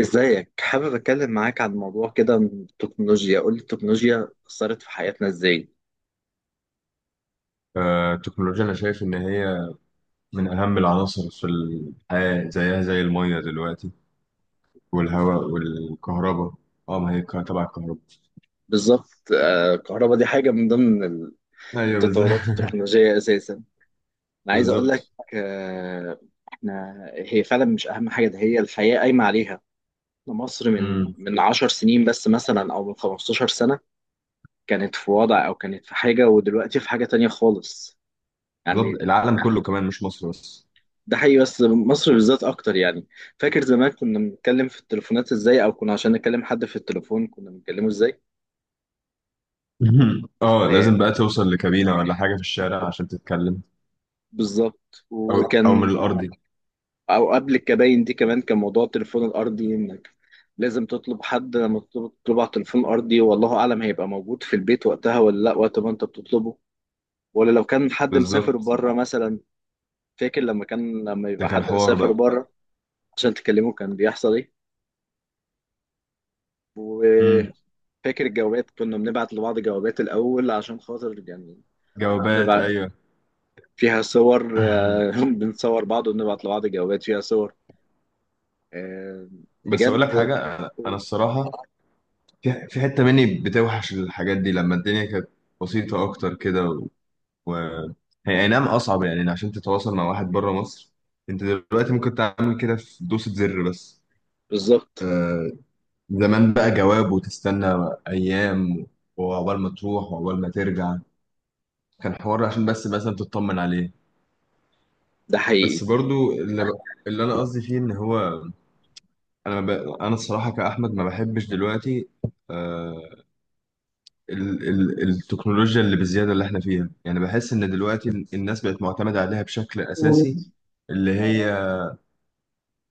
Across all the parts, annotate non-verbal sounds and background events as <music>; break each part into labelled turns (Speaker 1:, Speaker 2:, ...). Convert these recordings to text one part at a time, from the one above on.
Speaker 1: ازيك؟ حابب اتكلم معاك عن موضوع كده من التكنولوجيا. قول لي، التكنولوجيا اثرت في حياتنا ازاي؟
Speaker 2: التكنولوجيا أنا شايف إن هي من أهم العناصر في الحياة، زيها زي المية دلوقتي والهواء والكهرباء. اه ما هي تبع الكهرباء.
Speaker 1: بالظبط الكهرباء دي حاجه من ضمن
Speaker 2: أيوه،
Speaker 1: التطورات
Speaker 2: بالظبط.
Speaker 1: التكنولوجيه اساسا.
Speaker 2: <laughs>
Speaker 1: انا عايز اقول لك،
Speaker 2: بالظبط.
Speaker 1: آه، احنا هي فعلا مش اهم حاجه، ده هي الحياه قايمه عليها. مصر من
Speaker 2: مم.
Speaker 1: من 10 سنين بس مثلا او من 15 سنه كانت في وضع، او كانت في حاجه، ودلوقتي في حاجه تانية خالص يعني.
Speaker 2: بالظبط، العالم كله كمان مش مصر بس.
Speaker 1: ده حقيقي، بس مصر بالذات اكتر يعني. فاكر زمان كنا بنتكلم في التليفونات ازاي؟ او كنا عشان نكلم حد في التليفون كنا بنكلمه ازاي؟
Speaker 2: <laughs> اه،
Speaker 1: آه
Speaker 2: لازم بقى توصل لكابينة ولا حاجة في الشارع عشان تتكلم.
Speaker 1: بالظبط.
Speaker 2: أو أو من
Speaker 1: وكان
Speaker 2: الأرضي.
Speaker 1: او قبل الكباين دي كمان كان موضوع التليفون الارضي، انك لازم تطلب حد، لما تطلب على التليفون ارضي والله اعلم هيبقى موجود في البيت وقتها ولا لا وقت ما انت بتطلبه، ولا لو كان حد
Speaker 2: بالظبط،
Speaker 1: مسافر بره مثلا. فاكر لما كان، لما
Speaker 2: ده
Speaker 1: يبقى
Speaker 2: كان
Speaker 1: حد
Speaker 2: حوار
Speaker 1: مسافر
Speaker 2: بقى.
Speaker 1: بره عشان تكلمه كان بيحصل
Speaker 2: مم.
Speaker 1: ايه؟ فاكر الجوابات؟ كنا بنبعت لبعض جوابات الأول عشان خاطر يعني
Speaker 2: جوابات،
Speaker 1: بنبعت
Speaker 2: أيوه.
Speaker 1: فيها صور،
Speaker 2: <laughs>
Speaker 1: <laughs> بنصور بعض وبنبعت لبعض جوابات فيها صور. آه،
Speaker 2: بس أقول لك
Speaker 1: بجد.
Speaker 2: حاجة، أنا الصراحة في حتة مني بتوحش الحاجات دي لما الدنيا كانت بسيطة أكتر كده. و هي أي نعم أصعب يعني عشان تتواصل مع واحد بره مصر. أنت دلوقتي ممكن تعمل كده في دوسة زر بس.
Speaker 1: بالظبط.
Speaker 2: آه. زمان بقى جواب وتستنى أيام، وعقبال ما تروح وعقبال ما ترجع، كان حوار عشان بس مثلا تطمن عليه.
Speaker 1: ده
Speaker 2: بس
Speaker 1: حقيقي.
Speaker 2: برضو اللي أنا قصدي فيه إن هو. أنا ب... أنا الصراحة كأحمد ما بحبش دلوقتي. آه، ال ال التكنولوجيا اللي بالزيادة اللي احنا فيها، يعني بحس ان دلوقتي الناس بقت معتمدة عليها بشكل اساسي، اللي هي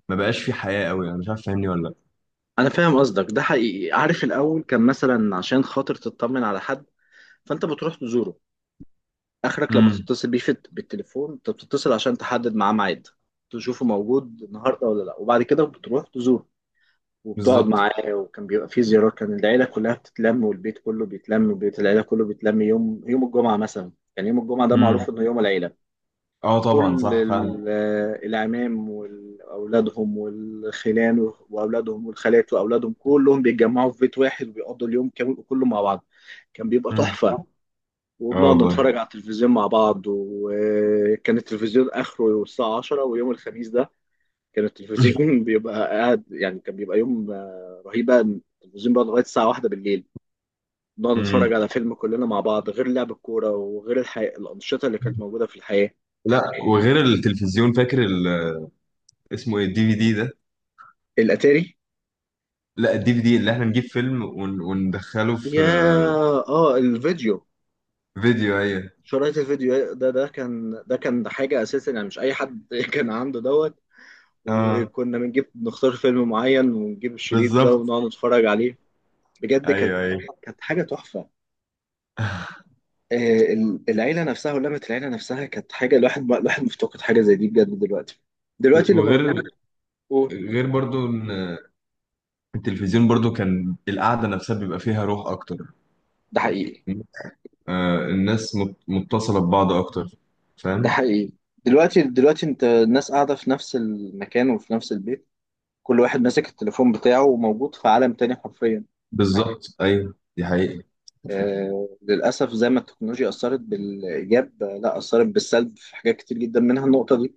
Speaker 2: ما بقاش في حياة قوي. انا مش عارف، فاهمني ولا لا؟
Speaker 1: أنا فاهم قصدك، ده حقيقي. عارف الأول كان مثلا عشان خاطر تطمن على حد فأنت بتروح تزوره. آخرك لما
Speaker 2: امم.
Speaker 1: تتصل بيه في بالتليفون أنت بتتصل عشان تحدد معاه ميعاد، تشوفه موجود النهاردة ولا لأ، وبعد كده بتروح تزوره وبتقعد
Speaker 2: بالظبط.
Speaker 1: معاه. وكان بيبقى فيه زيارات، كان العيلة كلها بتتلم والبيت كله بيتلم وبيت العيلة كله بيتلم يوم، يوم الجمعة مثلا. كان يوم الجمعة ده
Speaker 2: امم.
Speaker 1: معروف إنه يوم العيلة.
Speaker 2: اه، طبعا
Speaker 1: كل
Speaker 2: صح فعلا.
Speaker 1: العمام وأولادهم والخلان وأولادهم والخالات وأولادهم كلهم بيتجمعوا في بيت واحد وبيقضوا اليوم كامل كله مع بعض. كان بيبقى
Speaker 2: امم.
Speaker 1: تحفة.
Speaker 2: اه
Speaker 1: وبنقعد
Speaker 2: والله.
Speaker 1: نتفرج على التلفزيون مع بعض، وكان التلفزيون آخره الساعة 10، ويوم الخميس ده كان
Speaker 2: <laughs>
Speaker 1: التلفزيون <laughs> بيبقى قاعد يعني، كان بيبقى يوم رهيب بقى. التلفزيون بقى لغايه الساعه واحدة بالليل، نقعد نتفرج
Speaker 2: امم.
Speaker 1: على فيلم كلنا مع بعض، غير لعب الكوره وغير الانشطه اللي كانت موجوده في الحياه.
Speaker 2: لا، وغير التلفزيون، فاكر اسمه ايه الدي في دي ده؟
Speaker 1: الاتاري؟
Speaker 2: لا، الدي في دي اللي احنا نجيب فيلم ون وندخله في.
Speaker 1: يا اه، الفيديو.
Speaker 2: فيديو، ايوه.
Speaker 1: شرايط الفيديو ده، ده كان حاجه اساسا يعني، مش اي حد <laughs> كان عنده دوت.
Speaker 2: اه،
Speaker 1: وكنا بنجيب، نختار فيلم معين ونجيب الشريط ده
Speaker 2: بالظبط.
Speaker 1: ونقعد نتفرج عليه. بجد كانت،
Speaker 2: ايوه، ايوه.
Speaker 1: كانت حاجه تحفه. آه، العيلة نفسها ولمة العيلة نفسها كانت حاجة، الواحد مفتقد حاجة زي دي بجد دلوقتي. دلوقتي اللي
Speaker 2: وغير
Speaker 1: موجود، قول.
Speaker 2: غير برضو إن التلفزيون برضو كان القعدة نفسها بيبقى فيها روح أكتر.
Speaker 1: ده حقيقي.
Speaker 2: آه، الناس متصلة ببعض أكتر.
Speaker 1: ده
Speaker 2: فاهم؟
Speaker 1: حقيقي. دلوقتي، دلوقتي انت الناس قاعدة في نفس المكان وفي نفس البيت، كل واحد ماسك التليفون بتاعه وموجود في عالم تاني حرفيا.
Speaker 2: بالظبط، أيوه، دي حقيقة.
Speaker 1: آه للأسف، زي ما التكنولوجيا أثرت بالإيجاب، لا أثرت بالسلب في حاجات كتير جدا، منها النقطة دي.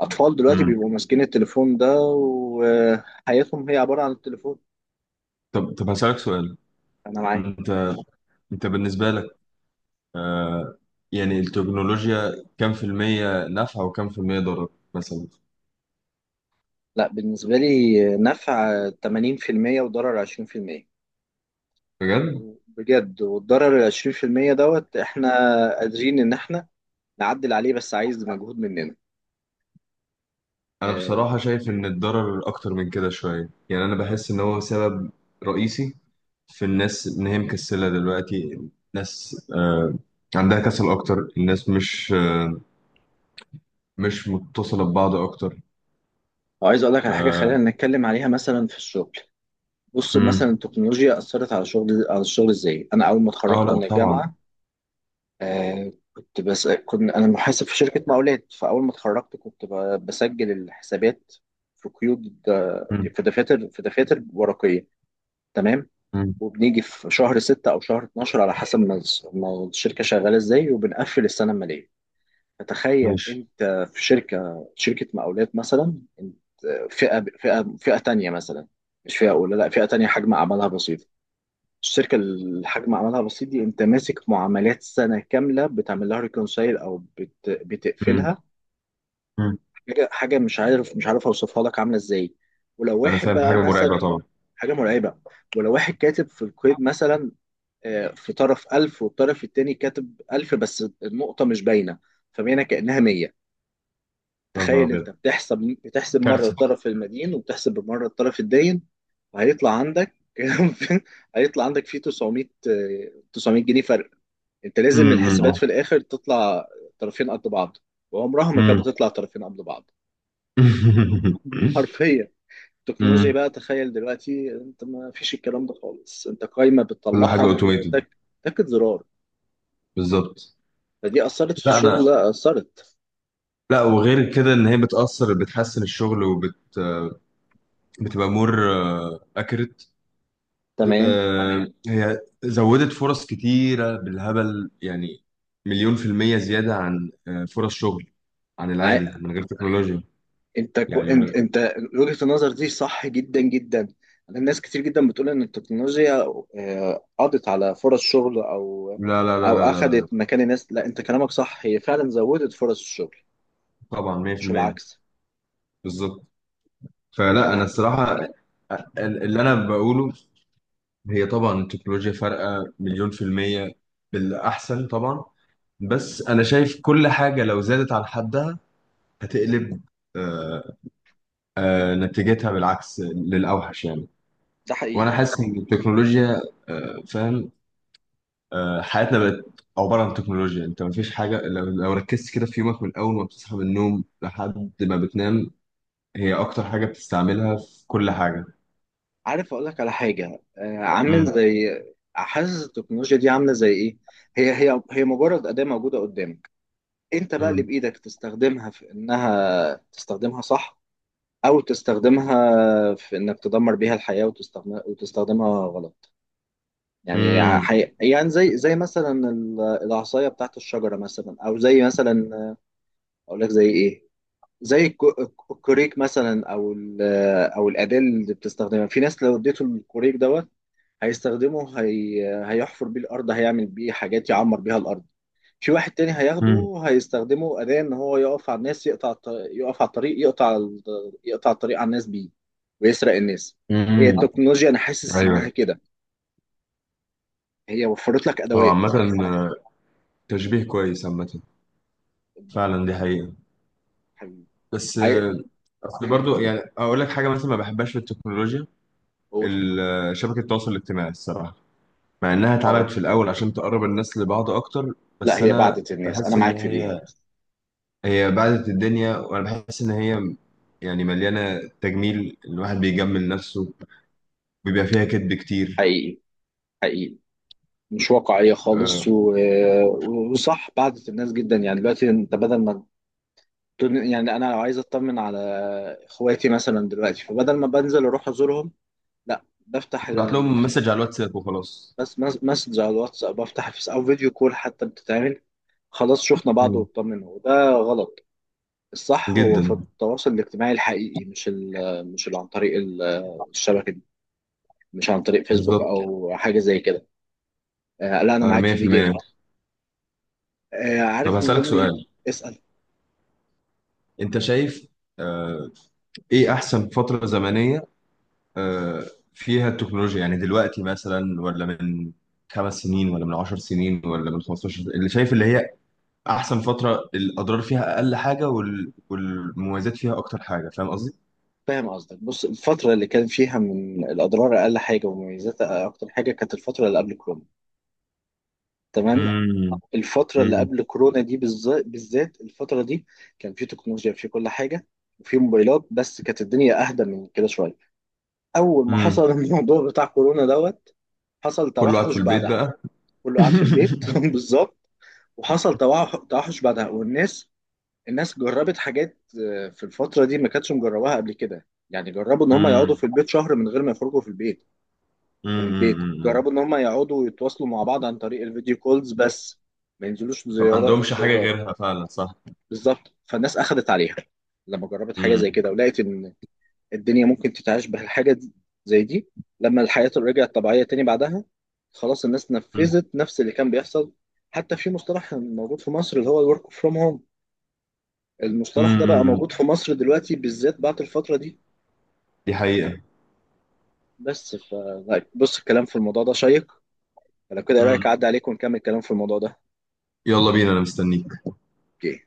Speaker 1: أطفال دلوقتي
Speaker 2: مم.
Speaker 1: بيبقوا ماسكين التليفون ده، وحياتهم هي عبارة عن التليفون.
Speaker 2: طب هسألك سؤال.
Speaker 1: أنا معاك.
Speaker 2: أنت أنت بالنسبة لك آه يعني التكنولوجيا كام في المية نافعة وكام في المية ضرر مثلا؟
Speaker 1: لا بالنسبة لي نفع 80% وضرر 20%.
Speaker 2: بجد؟
Speaker 1: بجد. والضرر ال 20% دوت، احنا قادرين ان احنا نعدل عليه بس عايز مجهود مننا.
Speaker 2: أنا
Speaker 1: اه.
Speaker 2: بصراحة شايف إن الضرر أكتر من كده شوية. يعني أنا بحس إن هو سبب رئيسي في الناس ان هي مكسله دلوقتي. الناس عندها كسل اكتر. الناس مش مش متصله ببعض اكتر.
Speaker 1: وعايز اقول لك على حاجة،
Speaker 2: اه.
Speaker 1: خلينا نتكلم عليها مثلا في الشغل. بص
Speaker 2: مم.
Speaker 1: مثلا التكنولوجيا اثرت على شغل، على الشغل ازاي؟ انا اول ما
Speaker 2: اه،
Speaker 1: اتخرجت
Speaker 2: لا
Speaker 1: من
Speaker 2: طبعا.
Speaker 1: الجامعة، اه كنت، بس كنت انا محاسب في شركة مقاولات، فاول ما اتخرجت كنت بسجل الحسابات في قيود،
Speaker 2: مم.
Speaker 1: في دفاتر، في دفاتر ورقية. تمام.
Speaker 2: مم.
Speaker 1: وبنيجي في شهر ستة أو شهر 12، على حسب ما ما الشركة شغالة إزاي، وبنقفل السنة المالية. فتخيل
Speaker 2: ماشي.
Speaker 1: أنت في شركة، شركة مقاولات مثلا، أنت فئة تانية مثلا، مش فئة أولى، لا فئة تانية حجم أعمالها بسيط. الشركة اللي حجم أعمالها بسيط دي، أنت ماسك معاملات سنة كاملة بتعمل لها ريكونسايل، أو
Speaker 2: مم.
Speaker 1: بتقفلها.
Speaker 2: مم.
Speaker 1: حاجة، مش عارف أوصفها لك عاملة إزاي. ولو
Speaker 2: انا
Speaker 1: واحد
Speaker 2: فاهم،
Speaker 1: بقى
Speaker 2: حاجه
Speaker 1: مثلا،
Speaker 2: مرعبه طبعا.
Speaker 1: حاجة مرعبة. ولو واحد كاتب في الكويت مثلا، في طرف ألف والطرف التاني كاتب ألف بس النقطة مش باينة، فباينة كأنها مية.
Speaker 2: يا نهار
Speaker 1: تخيل
Speaker 2: ابيض،
Speaker 1: أنت بتحسب، بتحسب مرة
Speaker 2: كارثه.
Speaker 1: الطرف المدين وبتحسب مرة الطرف الداين، وهيطلع عندك <laughs> هيطلع عندك فيه 900، 900 جنيه فرق. أنت لازم من
Speaker 2: مم.
Speaker 1: الحسابات
Speaker 2: مم.
Speaker 1: في الآخر تطلع طرفين قد بعض، وعمرها ما كانت
Speaker 2: مم.
Speaker 1: بتطلع طرفين قد بعض
Speaker 2: <laughs>
Speaker 1: <laughs> حرفيا. التكنولوجيا
Speaker 2: مم.
Speaker 1: بقى، تخيل دلوقتي انت ما فيش الكلام ده خالص، انت قايمة
Speaker 2: كل حاجه
Speaker 1: بتطلعها
Speaker 2: اوتوميتد.
Speaker 1: بتك، تكت زرار.
Speaker 2: بالظبط.
Speaker 1: فدي اثرت في
Speaker 2: لا، انا.
Speaker 1: الشغل؟ لا، اثرت.
Speaker 2: لا، وغير كده ان هي بتاثر بتحسن الشغل وبت آه، بتبقى مور اكريت.
Speaker 1: تمام.
Speaker 2: هي زودت فرص كتيرة بالهبل يعني. مليون في المية زيادة عن فرص شغل، عن
Speaker 1: عا-
Speaker 2: العادي من غير تكنولوجيا.
Speaker 1: انت
Speaker 2: يعني من
Speaker 1: انت
Speaker 2: غير-
Speaker 1: انت وجهة النظر دي صح جدا جدا. انا ناس كتير جدا بتقول ان التكنولوجيا قضت على فرص شغل، او
Speaker 2: لا، لا، لا،
Speaker 1: او
Speaker 2: لا، لا، لا.
Speaker 1: اخذت مكان الناس. لا انت كلامك صح، هي فعلا زودت فرص الشغل
Speaker 2: طبعا
Speaker 1: مش
Speaker 2: 100%.
Speaker 1: العكس.
Speaker 2: بالظبط. فلا أنا
Speaker 1: ده،
Speaker 2: الصراحة اللي أنا بقوله، هي طبعا التكنولوجيا فارقة مليون في المية بالأحسن طبعا. بس أنا شايف كل حاجة لو زادت عن حدها هتقلب. آه، نتيجتها بالعكس للأوحش يعني.
Speaker 1: ده
Speaker 2: وانا
Speaker 1: حقيقي.
Speaker 2: حاسس ان التكنولوجيا فاهم، حياتنا بقت عباره عن تكنولوجيا. انت ما فيش حاجه، لو ركزت كده في يومك من اول ما بتصحى من النوم لحد ما بتنام، هي اكتر حاجه بتستعملها في كل حاجه.
Speaker 1: عارف اقول لك على حاجة؟ عامل
Speaker 2: امم.
Speaker 1: زي، حاسس التكنولوجيا دي عاملة زي ايه؟ هي مجرد أداة موجودة قدامك، انت بقى اللي
Speaker 2: امم.
Speaker 1: بايدك تستخدمها في انها تستخدمها صح، او تستخدمها في انك تدمر بيها الحياة وتستخدمها، وتستخدمها غلط. يعني
Speaker 2: امم.
Speaker 1: يعني زي مثلا العصاية بتاعت الشجرة مثلا، او زي مثلا، اقول لك زي ايه، زي الكوريك مثلا، او او الأداة اللي بتستخدمها. في ناس لو اديته الكوريك دوت، هيستخدمه هي... هيحفر بيه الارض، هيعمل بيه حاجات يعمر بيها الارض. في واحد تاني
Speaker 2: امم.
Speaker 1: هياخده هيستخدمه أداة إن هو يقف على الناس، يقطع يقف على الطريق، يقطع يقطع الطريق على الناس بيه ويسرق الناس. هي
Speaker 2: امم.
Speaker 1: التكنولوجيا أنا حاسس إنها
Speaker 2: ايوه.
Speaker 1: كده، هي وفرت لك
Speaker 2: اه،
Speaker 1: أدوات.
Speaker 2: عامه. آه، تشبيه كويس عامه، فعلا دي حقيقه.
Speaker 1: حبيبي،
Speaker 2: بس
Speaker 1: عاي...
Speaker 2: اصل
Speaker 1: قول،
Speaker 2: برضو يعني اقول لك حاجه مثلا ما بحبهاش في التكنولوجيا.
Speaker 1: قول.
Speaker 2: شبكه التواصل الاجتماعي الصراحه. مع انها اتعملت
Speaker 1: آه
Speaker 2: في الاول عشان تقرب الناس لبعض اكتر.
Speaker 1: لا،
Speaker 2: بس
Speaker 1: هي
Speaker 2: انا
Speaker 1: بعدت الناس، أنا
Speaker 2: بحس ان
Speaker 1: معاك في دي.
Speaker 2: هي بعدت الدنيا. وانا بحس ان هي يعني مليانه تجميل، الواحد بيجمل نفسه، بيبقى فيها كذب كتير.
Speaker 1: حقيقي، حقيقي. مش واقعية خالص
Speaker 2: أه.
Speaker 1: و... وصح، بعدت الناس جدا يعني. دلوقتي أنت بدل ما يعني أنا لو عايز أطمن على إخواتي مثلا دلوقتي، فبدل ما بنزل أروح أزورهم، لا بفتح،
Speaker 2: تبعت لهم مسج على الواتساب وخلاص.
Speaker 1: بس مسج على الواتس، او بفتح في، او فيديو كول حتى بتتعمل. خلاص شفنا بعض
Speaker 2: مم.
Speaker 1: واطمنا، وده غلط. الصح هو في
Speaker 2: جدا.
Speaker 1: التواصل الاجتماعي الحقيقي، مش ال، مش اللي عن طريق الشبكه دي، مش عن طريق فيسبوك
Speaker 2: بالظبط.
Speaker 1: او حاجه زي كده. آه لا انا معاك في دي
Speaker 2: 100%.
Speaker 1: جامد. آه
Speaker 2: طب
Speaker 1: عارف من
Speaker 2: هسألك
Speaker 1: ضمن.
Speaker 2: سؤال.
Speaker 1: اسال.
Speaker 2: انت شايف آه، ايه احسن فترة زمنية آه، فيها التكنولوجيا؟ يعني دلوقتي مثلا ولا من 5 سنين ولا من 10 سنين ولا من 15؟ اللي شايف اللي هي احسن فتره، الاضرار فيها اقل حاجه والمميزات فيها اكتر حاجه. فاهم قصدي؟
Speaker 1: فاهم قصدك. بص الفتره اللي كان فيها من الاضرار اقل حاجه ومميزاتها اكتر حاجه، كانت الفتره اللي قبل كورونا. تمام.
Speaker 2: امم.
Speaker 1: الفترة اللي
Speaker 2: امم.
Speaker 1: قبل كورونا دي بالذات، الفترة دي كان في تكنولوجيا في كل حاجة وفي موبايلات، بس كانت الدنيا أهدى من كده شوية. أول ما
Speaker 2: امم.
Speaker 1: حصل <laughs> الموضوع بتاع كورونا دوت، حصل
Speaker 2: كله قاعد في
Speaker 1: توحش
Speaker 2: البيت
Speaker 1: بعدها،
Speaker 2: بقى.
Speaker 1: كله قاعد في البيت
Speaker 2: <laughs>
Speaker 1: <laughs> بالظبط. وحصل توحش بعدها، والناس، الناس جربت حاجات في الفترة دي ما كانتش مجرباها قبل كده، يعني جربوا إن هم
Speaker 2: امم.
Speaker 1: يقعدوا في البيت شهر من غير ما يخرجوا في البيت، من البيت.
Speaker 2: امم.
Speaker 1: جربوا إن هم يقعدوا يتواصلوا مع بعض عن طريق الفيديو كولز بس، ما ينزلوش
Speaker 2: فما
Speaker 1: زيارة،
Speaker 2: عندهمش حاجه
Speaker 1: زيارات.
Speaker 2: غيرها فعلا، صح.
Speaker 1: بالظبط، فالناس اخذت عليها لما جربت حاجه زي
Speaker 2: امم.
Speaker 1: كده ولقيت ان الدنيا ممكن تتعاش زي دي. لما الحياه رجعت طبيعيه تاني بعدها، خلاص الناس نفذت نفس اللي كان بيحصل. حتى في مصطلح موجود في مصر اللي هو الورك فروم هوم، المصطلح ده بقى
Speaker 2: امم،
Speaker 1: موجود في مصر دلوقتي بالذات بعد الفتره دي.
Speaker 2: دي حقيقه.
Speaker 1: بس ف لا، بص الكلام في الموضوع ده شيق، لو كده إيه رايك
Speaker 2: امم.
Speaker 1: اعدي عليك ونكمل الكلام في الموضوع ده؟
Speaker 2: يلا بينا، انا مستنيك.
Speaker 1: اوكي.